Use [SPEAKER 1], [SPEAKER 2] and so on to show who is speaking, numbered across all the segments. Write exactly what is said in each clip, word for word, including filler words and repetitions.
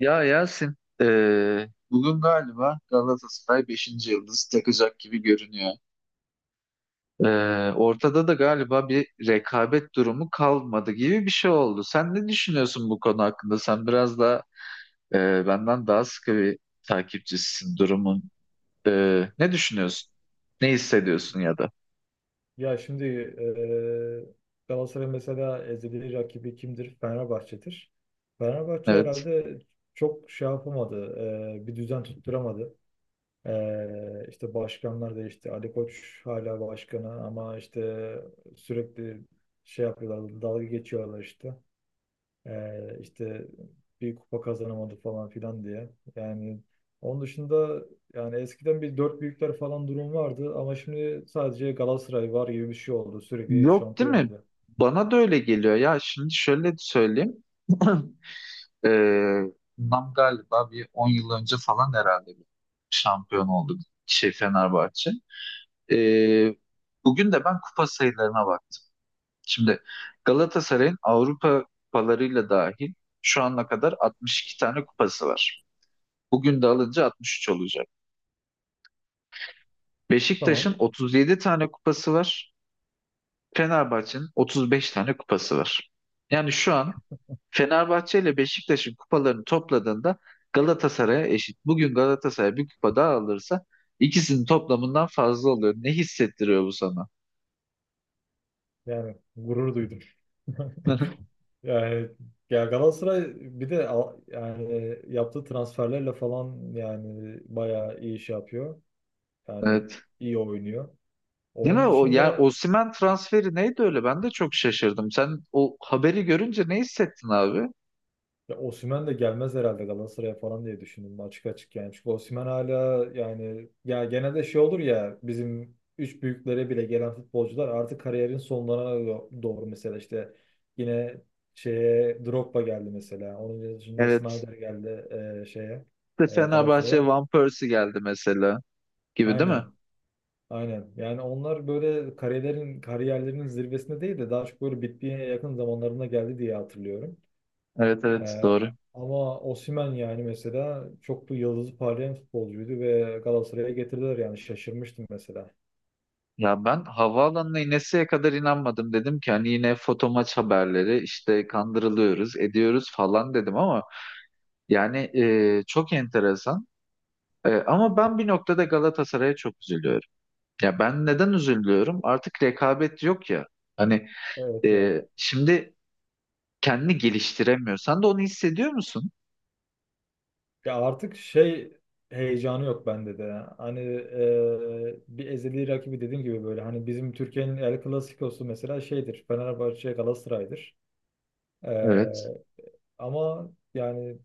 [SPEAKER 1] Ya Yasin, eee, bugün galiba Galatasaray beşinci yıldız takacak gibi görünüyor. Eee, ortada da galiba bir rekabet durumu kalmadı gibi bir şey oldu. Sen ne düşünüyorsun bu konu hakkında? Sen biraz da eee, benden daha sıkı bir takipçisisin durumun. Eee, ne düşünüyorsun? Ne hissediyorsun ya da?
[SPEAKER 2] Ya şimdi eee Galatasaray mesela ezeli rakibi kimdir? Fenerbahçe'dir. Fenerbahçe
[SPEAKER 1] Evet.
[SPEAKER 2] herhalde çok şey yapamadı. Eee, bir düzen tutturamadı. Eee işte başkanlar değişti. Ali Koç hala başkanı ama işte sürekli şey yapıyorlar. Dalga geçiyorlar işte. Ee, işte bir kupa kazanamadı falan filan diye. Yani onun dışında yani eskiden bir dört büyükler falan durum vardı ama şimdi sadece Galatasaray var gibi bir şey oldu. Sürekli
[SPEAKER 1] Yok değil
[SPEAKER 2] şampiyon
[SPEAKER 1] mi?
[SPEAKER 2] oluyor.
[SPEAKER 1] Bana da öyle geliyor. Ya şimdi şöyle söyleyeyim. Ee, bundan galiba bir on yıl önce falan herhalde bir şampiyon olduk şey Fenerbahçe. Ee, bugün de ben kupa sayılarına baktım. Şimdi Galatasaray'ın Avrupa kupalarıyla dahil şu ana kadar altmış iki tane kupası var. Bugün de alınca altmış üç olacak.
[SPEAKER 2] Tamam.
[SPEAKER 1] Beşiktaş'ın otuz yedi tane kupası var. Fenerbahçe'nin otuz beş tane kupası var. Yani şu an Fenerbahçe ile Beşiktaş'ın kupalarını topladığında Galatasaray'a eşit. Bugün Galatasaray bir kupa daha alırsa ikisinin toplamından fazla oluyor. Ne hissettiriyor bu sana?
[SPEAKER 2] Yani gurur duydum. Yani ya Galatasaray bir de al- yani yaptığı transferlerle falan yani bayağı iyi iş yapıyor. Yani
[SPEAKER 1] Evet.
[SPEAKER 2] iyi oynuyor.
[SPEAKER 1] Değil mi?
[SPEAKER 2] Onun
[SPEAKER 1] O yani
[SPEAKER 2] dışında,
[SPEAKER 1] Osimhen transferi neydi öyle? Ben de çok şaşırdım. Sen o haberi görünce ne hissettin abi?
[SPEAKER 2] ya Osimhen de gelmez herhalde Galatasaray'a falan diye düşündüm açık açık yani. Çünkü Osimhen hala yani ya genelde şey olur ya bizim üç büyüklere bile gelen futbolcular artık kariyerin sonlarına do- doğru mesela işte yine şeye Drogba geldi mesela. Onun dışında
[SPEAKER 1] Evet.
[SPEAKER 2] Snyder geldi, e, şeye,
[SPEAKER 1] İşte
[SPEAKER 2] e,
[SPEAKER 1] Fenerbahçe
[SPEAKER 2] Galatasaray'a.
[SPEAKER 1] Van Persie geldi mesela gibi değil mi?
[SPEAKER 2] Aynen. Aynen. Yani onlar böyle kariyerlerin kariyerlerinin zirvesinde değil de daha çok böyle bitmeye yakın zamanlarına geldi diye hatırlıyorum.
[SPEAKER 1] Evet, evet,
[SPEAKER 2] Ee,
[SPEAKER 1] doğru.
[SPEAKER 2] Ama Osimhen yani mesela çok da yıldızı parlayan futbolcuydu ve Galatasaray'a getirdiler yani şaşırmıştım mesela.
[SPEAKER 1] Ya ben havaalanına ineseye kadar inanmadım. Dedim ki hani yine foto maç haberleri işte kandırılıyoruz ediyoruz falan dedim ama yani e, çok enteresan. E, ama ben bir noktada Galatasaray'a çok üzülüyorum. Ya ben neden üzülüyorum? Artık rekabet yok ya. Hani
[SPEAKER 2] Evet
[SPEAKER 1] e,
[SPEAKER 2] ya.
[SPEAKER 1] şimdi kendini geliştiremiyor. Sen de onu hissediyor musun?
[SPEAKER 2] Ya artık şey heyecanı yok bende de. Hani e, bir ezeli rakibi dediğim gibi böyle hani bizim Türkiye'nin El Clasico'su mesela şeydir. Fenerbahçe Galatasaray'dır. E,
[SPEAKER 1] Evet.
[SPEAKER 2] Ama yani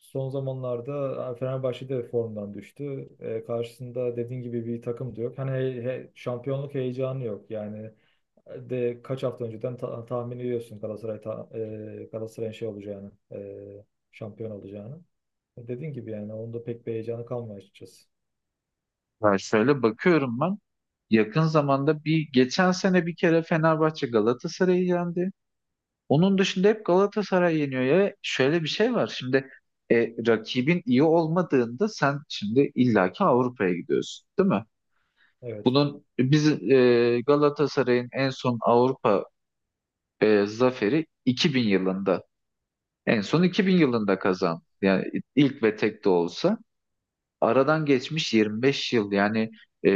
[SPEAKER 2] son zamanlarda Fenerbahçe de formdan düştü. E, karşısında dediğin gibi bir takım da yok. Hani he- he- şampiyonluk heyecanı yok. Yani e, de kaç hafta önceden ta- tahmin ediyorsun Galatasaray ta- e, Galatasaray'ın şey olacağını, e, şampiyon olacağını. E, dediğin gibi yani onda pek bir heyecanı kalmıyor açıkçası.
[SPEAKER 1] Ya şöyle bakıyorum ben. Yakın zamanda bir geçen sene bir kere Fenerbahçe Galatasaray'ı yendi. Onun dışında hep Galatasaray yeniyor ya. Şöyle bir şey var. Şimdi e, rakibin iyi olmadığında sen şimdi illaki Avrupa'ya gidiyorsun, değil mi?
[SPEAKER 2] Evet.
[SPEAKER 1] Bunun biz e, Galatasaray'ın en son Avrupa e, zaferi iki bin yılında. En son iki bin yılında kazandı. Yani ilk ve tek de olsa. aradan geçmiş yirmi beş yıl yani e,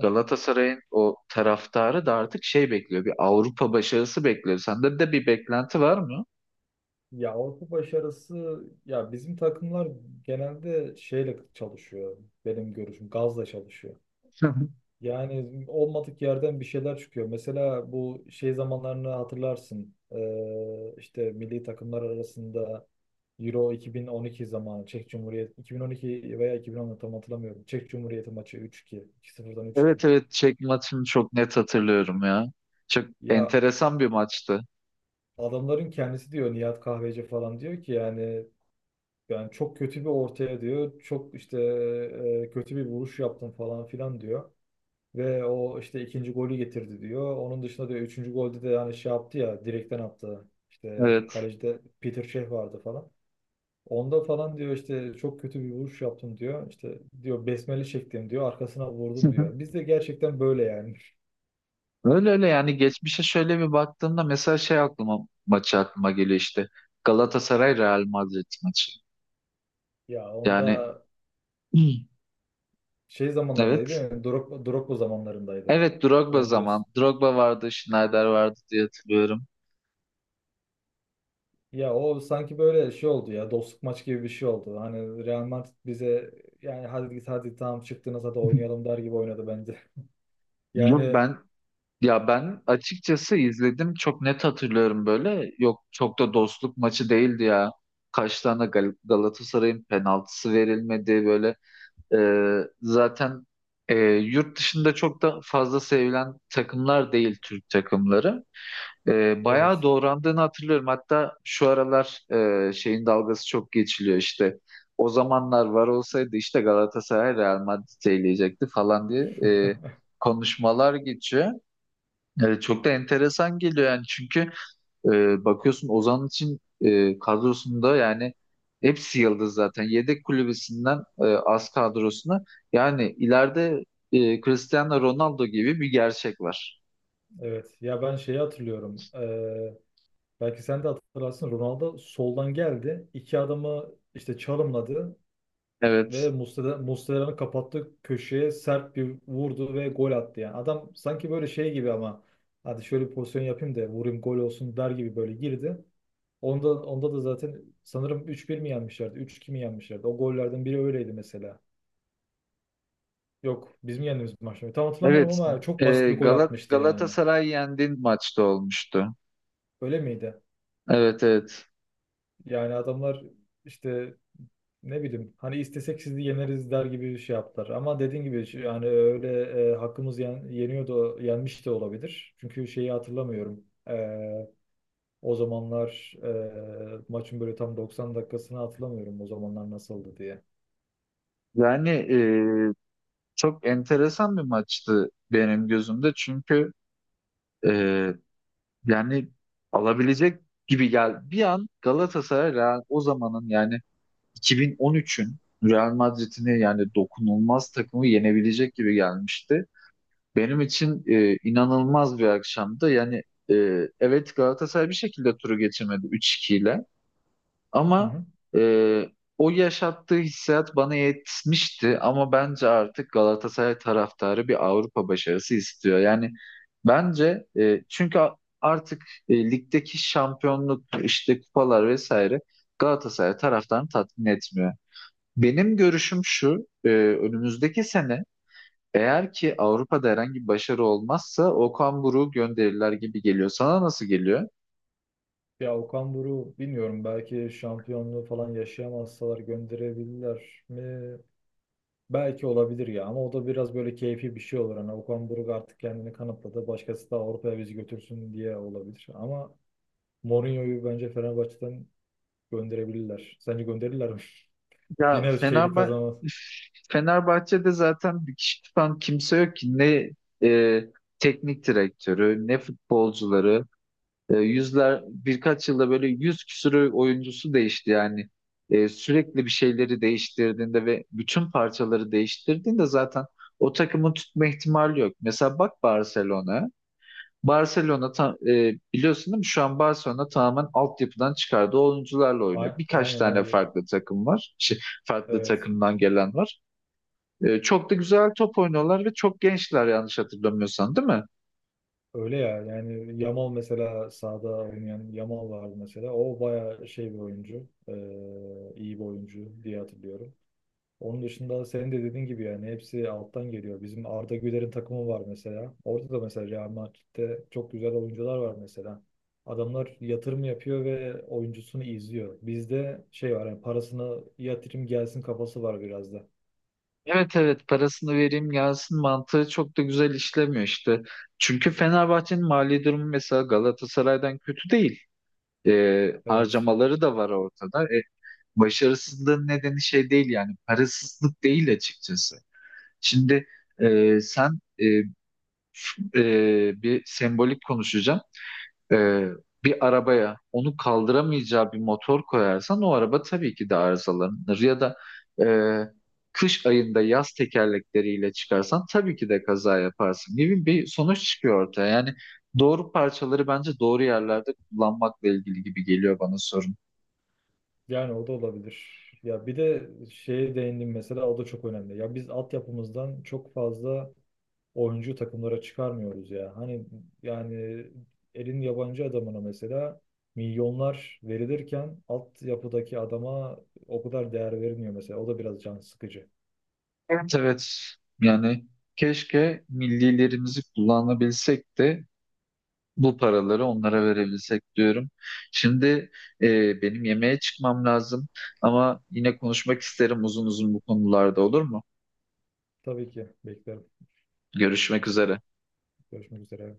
[SPEAKER 1] Galatasaray'ın o taraftarı da artık şey bekliyor, bir Avrupa başarısı bekliyor. Sende de bir beklenti var mı?
[SPEAKER 2] Ya Avrupa başarısı ya bizim takımlar genelde şeyle çalışıyor, benim görüşüm gazla çalışıyor. Yani olmadık yerden bir şeyler çıkıyor. Mesela bu şey zamanlarını hatırlarsın. Ee, işte milli takımlar arasında Euro iki bin on iki zamanı, Çek Cumhuriyeti iki bin on iki veya iki bin on tam hatırlamıyorum. Çek Cumhuriyeti maçı üç iki, iki sıfırdan üç-iki.
[SPEAKER 1] Evet, evet, Çek maçını çok net hatırlıyorum ya. Çok
[SPEAKER 2] Ya
[SPEAKER 1] enteresan bir maçtı.
[SPEAKER 2] adamların kendisi diyor, Nihat Kahveci falan diyor ki yani, yani çok kötü bir ortaya diyor. Çok işte e, kötü bir vuruş yaptım falan filan diyor. Ve o işte ikinci golü getirdi diyor. Onun dışında diyor üçüncü golde de yani şey yaptı ya, direkten attı. İşte
[SPEAKER 1] Evet.
[SPEAKER 2] kalecide Peter Cech vardı falan. Onda falan diyor işte çok kötü bir vuruş yaptım diyor. İşte diyor besmele çektim diyor. Arkasına vurdum diyor. Biz de gerçekten böyle yani.
[SPEAKER 1] Öyle öyle yani geçmişe şöyle bir baktığımda mesela şey aklıma maçı aklıma geliyor işte, Galatasaray Real Madrid maçı.
[SPEAKER 2] Ya
[SPEAKER 1] Yani
[SPEAKER 2] onda
[SPEAKER 1] Hı.
[SPEAKER 2] şey zamanlarındaydı değil
[SPEAKER 1] Evet.
[SPEAKER 2] mi? Drogba, Drogba zamanlarındaydı.
[SPEAKER 1] Evet Drogba
[SPEAKER 2] Onu
[SPEAKER 1] zaman.
[SPEAKER 2] diyorsun.
[SPEAKER 1] Drogba vardı, Schneider vardı diye hatırlıyorum.
[SPEAKER 2] Ya o sanki böyle şey oldu ya, dostluk maç gibi bir şey oldu. Hani Real Madrid bize yani hadi git hadi tamam çıktınız hadi oynayalım der gibi oynadı bence.
[SPEAKER 1] Yok
[SPEAKER 2] Yani
[SPEAKER 1] ben ya ben açıkçası izledim, çok net hatırlıyorum böyle. Yok, çok da dostluk maçı değildi ya, kaç tane Gal- Galatasaray'ın penaltısı verilmedi böyle. Ee, zaten e, yurt dışında çok da fazla sevilen takımlar değil Türk takımları. Ee, bayağı
[SPEAKER 2] evet,
[SPEAKER 1] doğrandığını hatırlıyorum, hatta şu aralar e, şeyin dalgası çok geçiliyor işte, o zamanlar var olsaydı işte Galatasaray Real Madrid'i eleyecekti falan diye e, konuşmalar geçiyor. Evet, çok da enteresan geliyor yani, çünkü e, bakıyorsun Ozan için e, kadrosunda yani hepsi yıldız zaten. Yedek kulübesinden e, az kadrosuna yani ileride e, Cristiano Ronaldo gibi bir gerçek var.
[SPEAKER 2] evet. Ya ben şeyi hatırlıyorum. Ee, belki sen de hatırlarsın. Ronaldo soldan geldi. İki adamı işte çalımladı ve
[SPEAKER 1] Evet.
[SPEAKER 2] Muslera, Muslera'nın kapattığı köşeye sert bir vurdu ve gol attı yani. Adam sanki böyle şey gibi, ama hadi şöyle bir pozisyon yapayım da vurayım gol olsun der gibi böyle girdi. Onda, onda da zaten sanırım üç bir mi yenmişlerdi? Üç iki mi yenmişlerdi? O gollerden biri öyleydi mesela. Yok, bizim yendiğimiz maçta. Tam hatırlamıyorum
[SPEAKER 1] Evet.
[SPEAKER 2] ama çok basit
[SPEAKER 1] E,
[SPEAKER 2] bir gol
[SPEAKER 1] Galat
[SPEAKER 2] atmıştı yani.
[SPEAKER 1] Galatasaray yendiğin maçta olmuştu.
[SPEAKER 2] Öyle miydi?
[SPEAKER 1] Evet, evet.
[SPEAKER 2] Yani adamlar işte ne bileyim hani istesek sizi yeneriz der gibi bir şey yaptılar. Ama dediğin gibi şu- yani öyle e, hakkımız yen, yeniyor da yenmiş de olabilir. Çünkü şeyi hatırlamıyorum. E, o zamanlar e, maçın böyle tam doksan dakikasını hatırlamıyorum, o zamanlar nasıldı diye.
[SPEAKER 1] Yani e, çok enteresan bir maçtı benim gözümde, çünkü e, Yani alabilecek gibi gel. Bir an Galatasaray Real, o zamanın yani iki bin on üçün Real Madrid'ini yani dokunulmaz takımı yenebilecek gibi gelmişti. Benim için e, inanılmaz bir akşamdı. Yani e, evet Galatasaray bir şekilde turu geçirmedi üç iki ile.
[SPEAKER 2] Hı
[SPEAKER 1] Ama
[SPEAKER 2] hı.
[SPEAKER 1] e, o yaşattığı hissiyat bana yetmişti, ama bence artık Galatasaray taraftarı bir Avrupa başarısı istiyor. Yani bence e, çünkü a- artık e, ligdeki şampiyonluk, işte kupalar vesaire Galatasaray taraftarını tatmin etmiyor. Benim görüşüm şu, e, önümüzdeki sene eğer ki Avrupa'da herhangi bir başarı olmazsa Okan Buruk'u gönderirler gibi geliyor. Sana nasıl geliyor?
[SPEAKER 2] Ya Okan Buruk bilmiyorum, belki şampiyonluğu falan yaşayamazsalar gönderebilirler mi? Belki olabilir ya, ama o da biraz böyle keyfi bir şey olur. Hani Okan Buruk artık kendini kanıtladı. Başkası da Avrupa'ya bizi götürsün diye olabilir. Ama Mourinho'yu bence Fenerbahçe'den gönderebilirler. Sence gönderirler mi?
[SPEAKER 1] Ya
[SPEAKER 2] Yine şeyli
[SPEAKER 1] Fenerbahçe
[SPEAKER 2] kazanmaz.
[SPEAKER 1] Fenerbahçe'de zaten bir kişi tutan kimse yok ki, ne e, teknik direktörü ne futbolcuları. E, yüzler birkaç yılda böyle yüz küsürü oyuncusu değişti yani. E, sürekli bir şeyleri değiştirdiğinde ve bütün parçaları değiştirdiğinde zaten o takımı tutma ihtimali yok. Mesela bak Barcelona. Barcelona ta- e, biliyorsun değil mi? Şu an Barcelona tamamen altyapıdan çıkardığı oyuncularla oynuyor.
[SPEAKER 2] A-
[SPEAKER 1] Birkaç
[SPEAKER 2] Aynen
[SPEAKER 1] tane
[SPEAKER 2] aynen.
[SPEAKER 1] farklı takım var. Şey, farklı
[SPEAKER 2] Evet.
[SPEAKER 1] takımdan gelen var. E, çok da güzel top oynuyorlar ve çok gençler, yanlış hatırlamıyorsan değil mi?
[SPEAKER 2] Öyle ya. Yani Yamal mesela, sahada oynayan Yamal vardı mesela. O bayağı şey bir oyuncu. Ee, iyi bir oyuncu diye hatırlıyorum. Onun dışında senin de dediğin gibi yani hepsi alttan geliyor. Bizim Arda Güler'in takımı var mesela. Orada da mesela Real Madrid'de çok güzel oyuncular var mesela. Adamlar yatırım yapıyor ve oyuncusunu izliyor. Bizde şey var yani parasını yatırım gelsin kafası var biraz da.
[SPEAKER 1] Evet, evet, parasını vereyim gelsin mantığı çok da güzel işlemiyor işte. Çünkü Fenerbahçe'nin mali durumu mesela Galatasaray'dan kötü değil. E,
[SPEAKER 2] Evet.
[SPEAKER 1] harcamaları da var ortada. E, başarısızlığın nedeni şey değil yani, parasızlık değil açıkçası. Şimdi e, sen e, f- e, bir sembolik konuşacağım. E, bir arabaya onu kaldıramayacağı bir motor koyarsan o araba tabii ki de arızalanır. Ya da e, kış ayında yaz tekerlekleriyle çıkarsan tabii ki de kaza yaparsın gibi bir sonuç çıkıyor ortaya. Yani doğru parçaları bence doğru yerlerde kullanmakla ilgili gibi geliyor bana sorun.
[SPEAKER 2] Yani o da olabilir. Ya bir de şeye değindim mesela, o da çok önemli. Ya biz altyapımızdan çok fazla oyuncu takımlara çıkarmıyoruz ya. Hani yani elin yabancı adamına mesela milyonlar verilirken altyapıdaki adama o kadar değer verilmiyor mesela. O da biraz can sıkıcı.
[SPEAKER 1] Evet, evet, yani keşke millilerimizi kullanabilsek de bu paraları onlara verebilsek diyorum. Şimdi e, benim yemeğe çıkmam lazım, ama yine konuşmak isterim uzun uzun bu konularda, olur mu?
[SPEAKER 2] Tabii ki beklerim.
[SPEAKER 1] Görüşmek üzere.
[SPEAKER 2] Görüşmek üzere.